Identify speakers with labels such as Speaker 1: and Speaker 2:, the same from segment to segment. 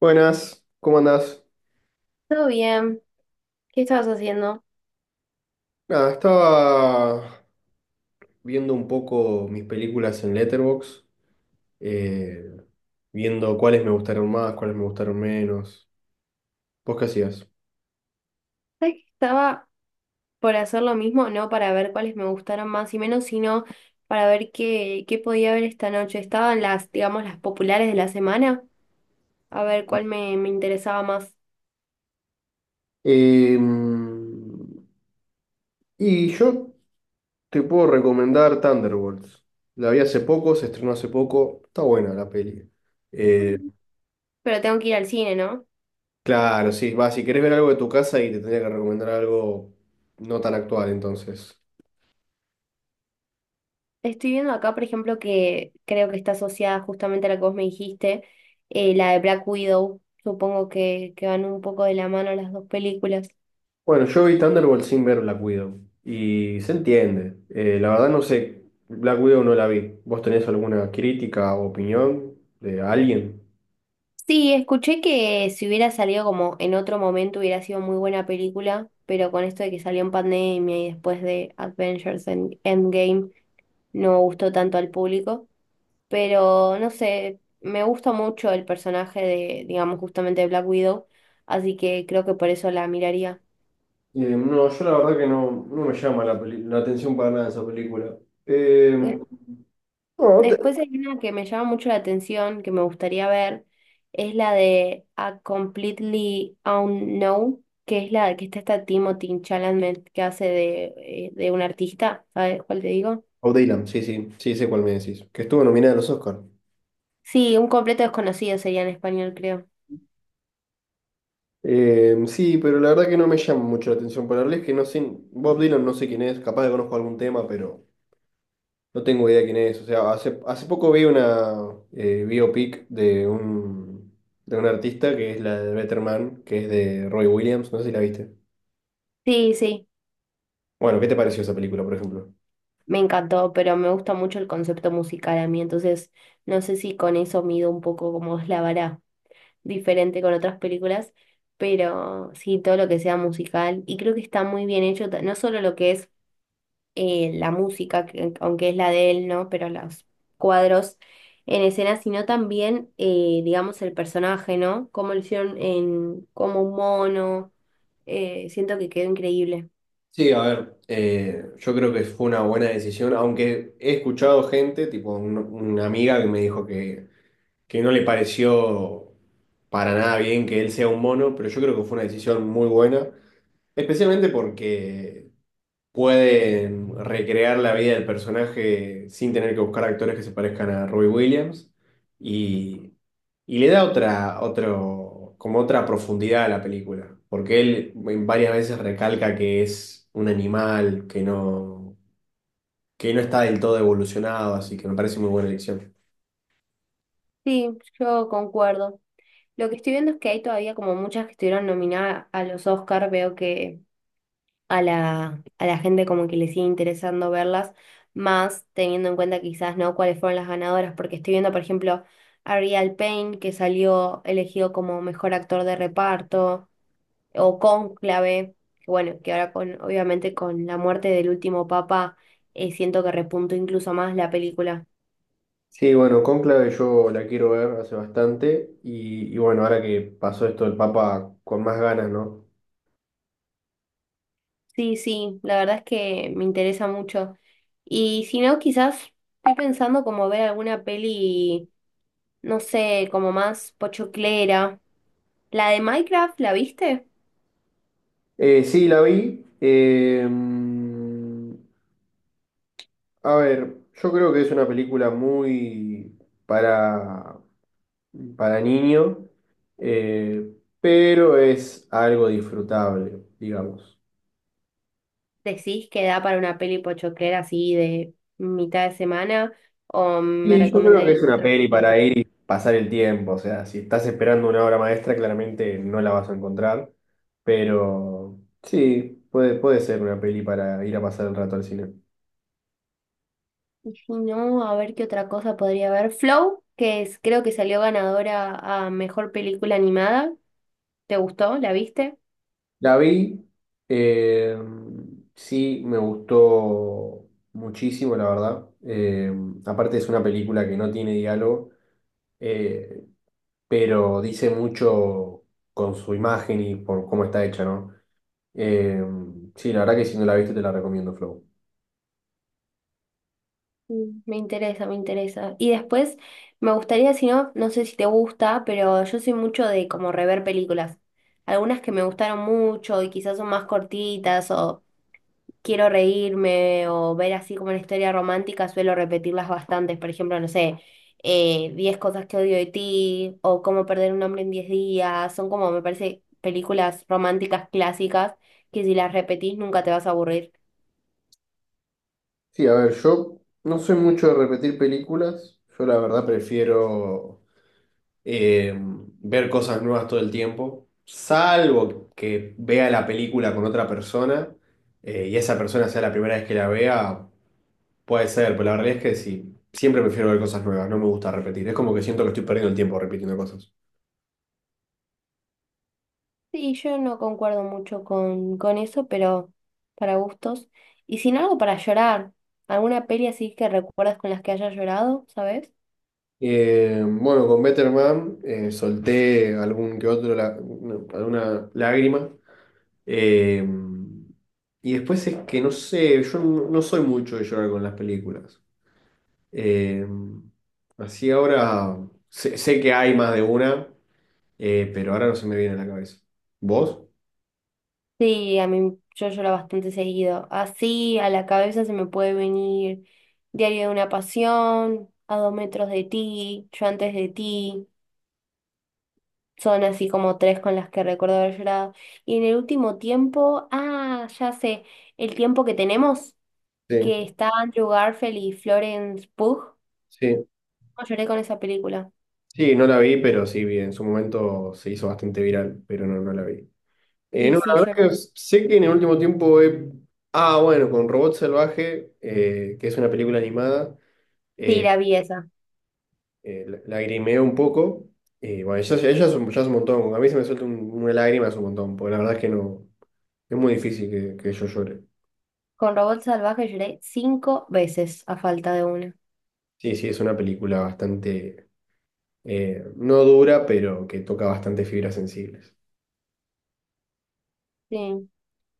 Speaker 1: Buenas, ¿cómo andás?
Speaker 2: Todo bien. ¿Qué estabas haciendo?
Speaker 1: Nada, estaba viendo un poco mis películas en Letterboxd, eh, viendo cuáles me gustaron más, cuáles me gustaron menos. ¿Vos qué hacías?
Speaker 2: ¿Sabes que estaba por hacer lo mismo? No para ver cuáles me gustaron más y menos, sino para ver qué podía ver esta noche. Estaban las, digamos, las populares de la semana, a ver cuál me interesaba más.
Speaker 1: Eh, y yo te puedo recomendar Thunderbolts. La vi hace poco, se estrenó hace poco, está buena la peli.
Speaker 2: Mm. Pero tengo que ir al cine, ¿no?
Speaker 1: Claro, sí, va, si querés ver algo de tu casa y te tendría que recomendar algo no tan actual, entonces.
Speaker 2: Estoy viendo acá, por ejemplo, que creo que está asociada justamente a la que vos me dijiste, la de Black Widow. Supongo que van un poco de la mano las dos películas.
Speaker 1: Bueno, yo vi Thunderbolt sin ver Black Widow y se entiende. La verdad no sé, Black Widow no la vi. ¿Vos tenés alguna crítica o opinión de alguien?
Speaker 2: Sí, escuché que si hubiera salido como en otro momento hubiera sido muy buena película, pero con esto de que salió en pandemia y después de Avengers Endgame no gustó tanto al público, pero no sé, me gusta mucho el personaje de, digamos, justamente de Black Widow, así que creo que por eso la miraría.
Speaker 1: No, yo la verdad que no me llama la atención para nada esa película. Eh, no,
Speaker 2: Después hay una que me llama mucho la atención, que me gustaría ver, es la de A Completely Unknown, que es la que está esta Timothy Chalamet que hace de un artista, ¿sabes cuál te digo?
Speaker 1: o Dylan, sí, sí, sí, sé cuál me decís. Que estuvo nominada a los Oscars.
Speaker 2: Sí, un completo desconocido sería en español, creo.
Speaker 1: Sí, pero la verdad que no me llama mucho la atención para hablar. Es que no sé, Bob Dylan no sé quién es, capaz de conozco algún tema, pero no tengo idea quién es. O sea, hace poco vi una biopic de de un artista que es la de Better Man, que es de Roy Williams. No sé si la viste.
Speaker 2: Sí, sí,
Speaker 1: Bueno, ¿qué te pareció esa película, por ejemplo?
Speaker 2: me encantó, pero me gusta mucho el concepto musical a mí, entonces no sé si con eso mido un poco cómo es la vara diferente con otras películas, pero sí, todo lo que sea musical, y creo que está muy bien hecho, no solo lo que es la música, aunque es la de él, ¿no? Pero los cuadros en escena, sino también, digamos, el personaje, ¿no? Cómo lo hicieron en, como un mono. Siento que quedó increíble.
Speaker 1: Sí, a ver, yo creo que fue una buena decisión, aunque he escuchado gente, tipo una amiga que me dijo que no le pareció para nada bien que él sea un mono, pero yo creo que fue una decisión muy buena. Especialmente porque pueden recrear la vida del personaje sin tener que buscar actores que se parezcan a Robbie Williams y, y le da otro, como otra profundidad a la película, porque él en varias veces recalca que es un animal que que no está del todo evolucionado, así que me parece muy buena elección.
Speaker 2: Sí, yo concuerdo. Lo que estoy viendo es que hay todavía como muchas que estuvieron nominadas a los Oscar, veo que a la gente como que le sigue interesando verlas, más teniendo en cuenta quizás, ¿no? Cuáles fueron las ganadoras, porque estoy viendo, por ejemplo, Ariel Payne, que salió elegido como mejor actor de reparto, o Cónclave, que bueno, que ahora con, obviamente con la muerte del último papa, siento que repuntó incluso más la película.
Speaker 1: Sí, bueno, Cónclave yo la quiero ver hace bastante y bueno, ahora que pasó esto del Papa con más ganas, ¿no?
Speaker 2: Sí, sí, la verdad es que me interesa mucho. Y si no, quizás estoy pensando como ver alguna peli, no sé, como más pochoclera. La de Minecraft, ¿la viste?
Speaker 1: Sí, la vi. A ver, yo creo que es una película muy para, para niño, eh, pero es algo disfrutable, digamos.
Speaker 2: ¿Decís que da para una peli pochoclera así de mitad de semana? ¿O me
Speaker 1: Y yo creo que
Speaker 2: recomendarías
Speaker 1: es una
Speaker 2: otra
Speaker 1: peli
Speaker 2: cosa?
Speaker 1: para ir y pasar el tiempo. O sea, si estás esperando una obra maestra, claramente no la vas a encontrar. Pero sí, puede ser una peli para ir a pasar el rato al cine.
Speaker 2: Y si no, a ver qué otra cosa podría haber. Flow, que es, creo que salió ganadora a mejor película animada. ¿Te gustó? ¿La viste?
Speaker 1: La vi, eh, sí, me gustó muchísimo, la verdad. Aparte es una película que no tiene diálogo, eh, pero dice mucho con su imagen y por cómo está hecha, ¿no? Eh, sí, la verdad que si no la viste te la recomiendo, Flow.
Speaker 2: Mm, me interesa, me interesa. Y después, me gustaría, si no, no sé si te gusta, pero yo soy mucho de como rever películas. Algunas que me gustaron mucho y quizás son más cortitas o quiero reírme o ver así como una historia romántica, suelo repetirlas bastantes. Por ejemplo, no sé, 10 cosas que odio de ti o cómo perder un hombre en 10 días. Son como, me parece, películas románticas clásicas que si las repetís nunca te vas a aburrir.
Speaker 1: Sí, a ver, yo no soy mucho de repetir películas. Yo la verdad prefiero eh, ver cosas nuevas todo el tiempo, salvo que vea la película con otra persona y esa persona sea la primera vez que la vea. Puede ser, pero la realidad es que sí. Siempre prefiero ver cosas nuevas, no me gusta repetir. Es como que siento que estoy perdiendo el tiempo repitiendo cosas.
Speaker 2: Sí, yo no concuerdo mucho con eso, pero para gustos. Y sin algo para llorar, alguna peli así que recuerdas con las que hayas llorado, ¿sabes?
Speaker 1: Bueno, con Better Man solté algún que otro, no, alguna lágrima. Eh, y después es que no sé, yo no soy mucho de llorar con las películas. Eh, Así ahora sé que hay más de una, pero ahora no se me viene a la cabeza. ¿Vos?
Speaker 2: Sí, a mí yo lloro bastante seguido. Así a la cabeza se me puede venir Diario de una pasión, A dos metros de ti, Yo antes de ti. Son así como tres con las que recuerdo haber llorado. Y en el último tiempo, ah, ya sé, el tiempo que tenemos,
Speaker 1: Sí,
Speaker 2: que está Andrew Garfield y Florence Pugh.
Speaker 1: sí.
Speaker 2: No, lloré con esa película.
Speaker 1: Sí, no la vi, pero sí vi. En su momento se hizo bastante viral, pero no, no la vi.
Speaker 2: Sí,
Speaker 1: No, la
Speaker 2: sí,
Speaker 1: verdad
Speaker 2: lloré.
Speaker 1: que sé que en el último tiempo he... Ah, bueno, con Robot Salvaje, que es una película animada.
Speaker 2: Sí, la vi esa.
Speaker 1: Lagrimeo un poco. Y bueno, ya es ya es un montón. A mí se me suelta una lágrima, es un montón, porque la verdad es que no, es muy difícil que yo llore.
Speaker 2: Con Robot Salvaje lloré cinco veces a falta de una.
Speaker 1: Sí, sí, es una película bastante, no dura, pero que toca bastante fibras sensibles.
Speaker 2: Sí.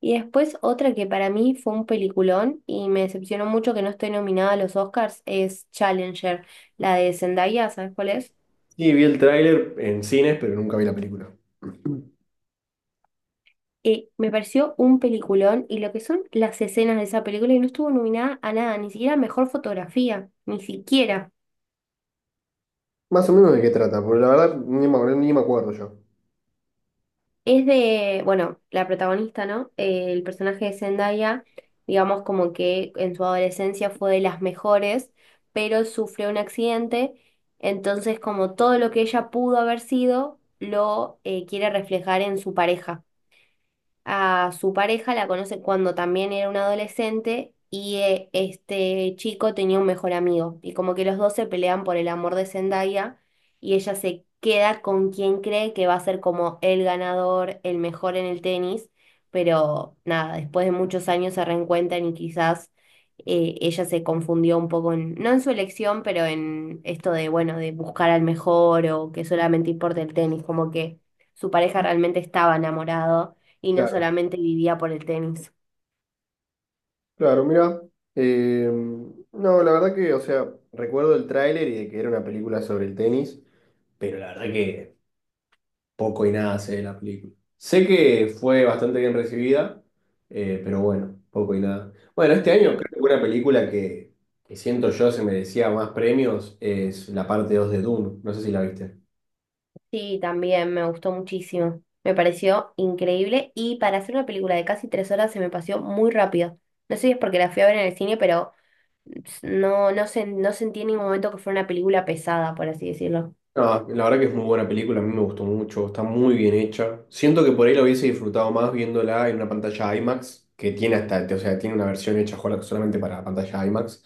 Speaker 2: Y después otra que para mí fue un peliculón y me decepcionó mucho que no esté nominada a los Oscars es Challenger, la de Zendaya, ¿sabes cuál es?
Speaker 1: Sí, vi el tráiler en cines, pero nunca vi la película.
Speaker 2: Me pareció un peliculón y lo que son las escenas de esa película y no estuvo nominada a nada, ni siquiera a mejor fotografía, ni siquiera.
Speaker 1: Más o menos de qué trata, porque la verdad ni me acuerdo yo.
Speaker 2: Es de, bueno, la protagonista, ¿no? El personaje de Zendaya, digamos como que en su adolescencia fue de las mejores, pero sufrió un accidente, entonces como todo lo que ella pudo haber sido, lo quiere reflejar en su pareja a su pareja, la conoce cuando también era un adolescente y este chico tenía un mejor amigo. Y como que los dos se pelean por el amor de Zendaya y ella se queda con quien cree que va a ser como el ganador, el mejor en el tenis. Pero nada, después de muchos años se reencuentran y quizás ella se confundió un poco, no en su elección, pero en esto de, bueno, de buscar al mejor o que solamente importa el tenis, como que su pareja realmente estaba enamorado y no
Speaker 1: Claro,
Speaker 2: solamente vivía por el tenis.
Speaker 1: claro, mira. eh, no, la verdad que, o sea, recuerdo el tráiler y de que era una película sobre el tenis, pero la verdad que poco y nada sé de la película. Sé que fue bastante bien recibida, pero bueno, poco y nada. Bueno, este año creo
Speaker 2: Sí,
Speaker 1: que una película que siento yo se merecía más premios es la parte 2 de Dune. No sé si la viste.
Speaker 2: sí, también me gustó muchísimo. Me pareció increíble y para hacer una película de casi 3 horas se me pasó muy rápido. No sé si es porque la fui a ver en el cine, pero no, no sentí en ningún momento que fuera una película pesada, por así decirlo.
Speaker 1: No, la verdad que es muy buena película, a mí me gustó mucho, está muy bien hecha. Siento que por ahí la hubiese disfrutado más viéndola en una pantalla IMAX, que tiene hasta, o sea, tiene una versión hecha solamente para la pantalla IMAX.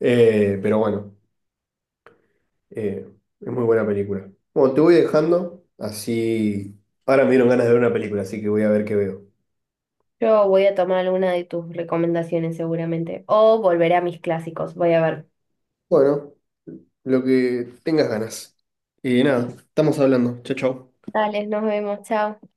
Speaker 1: Eh, pero bueno. Eh, es muy buena película. Bueno, te voy dejando, así... Ahora me dieron ganas de ver una película, así que voy a ver qué veo.
Speaker 2: Yo voy a tomar alguna de tus recomendaciones seguramente o volveré a mis clásicos. Voy a ver.
Speaker 1: Bueno, lo que tengas ganas. Y nada, estamos hablando. Chau, chau.
Speaker 2: Dale, nos vemos, chao.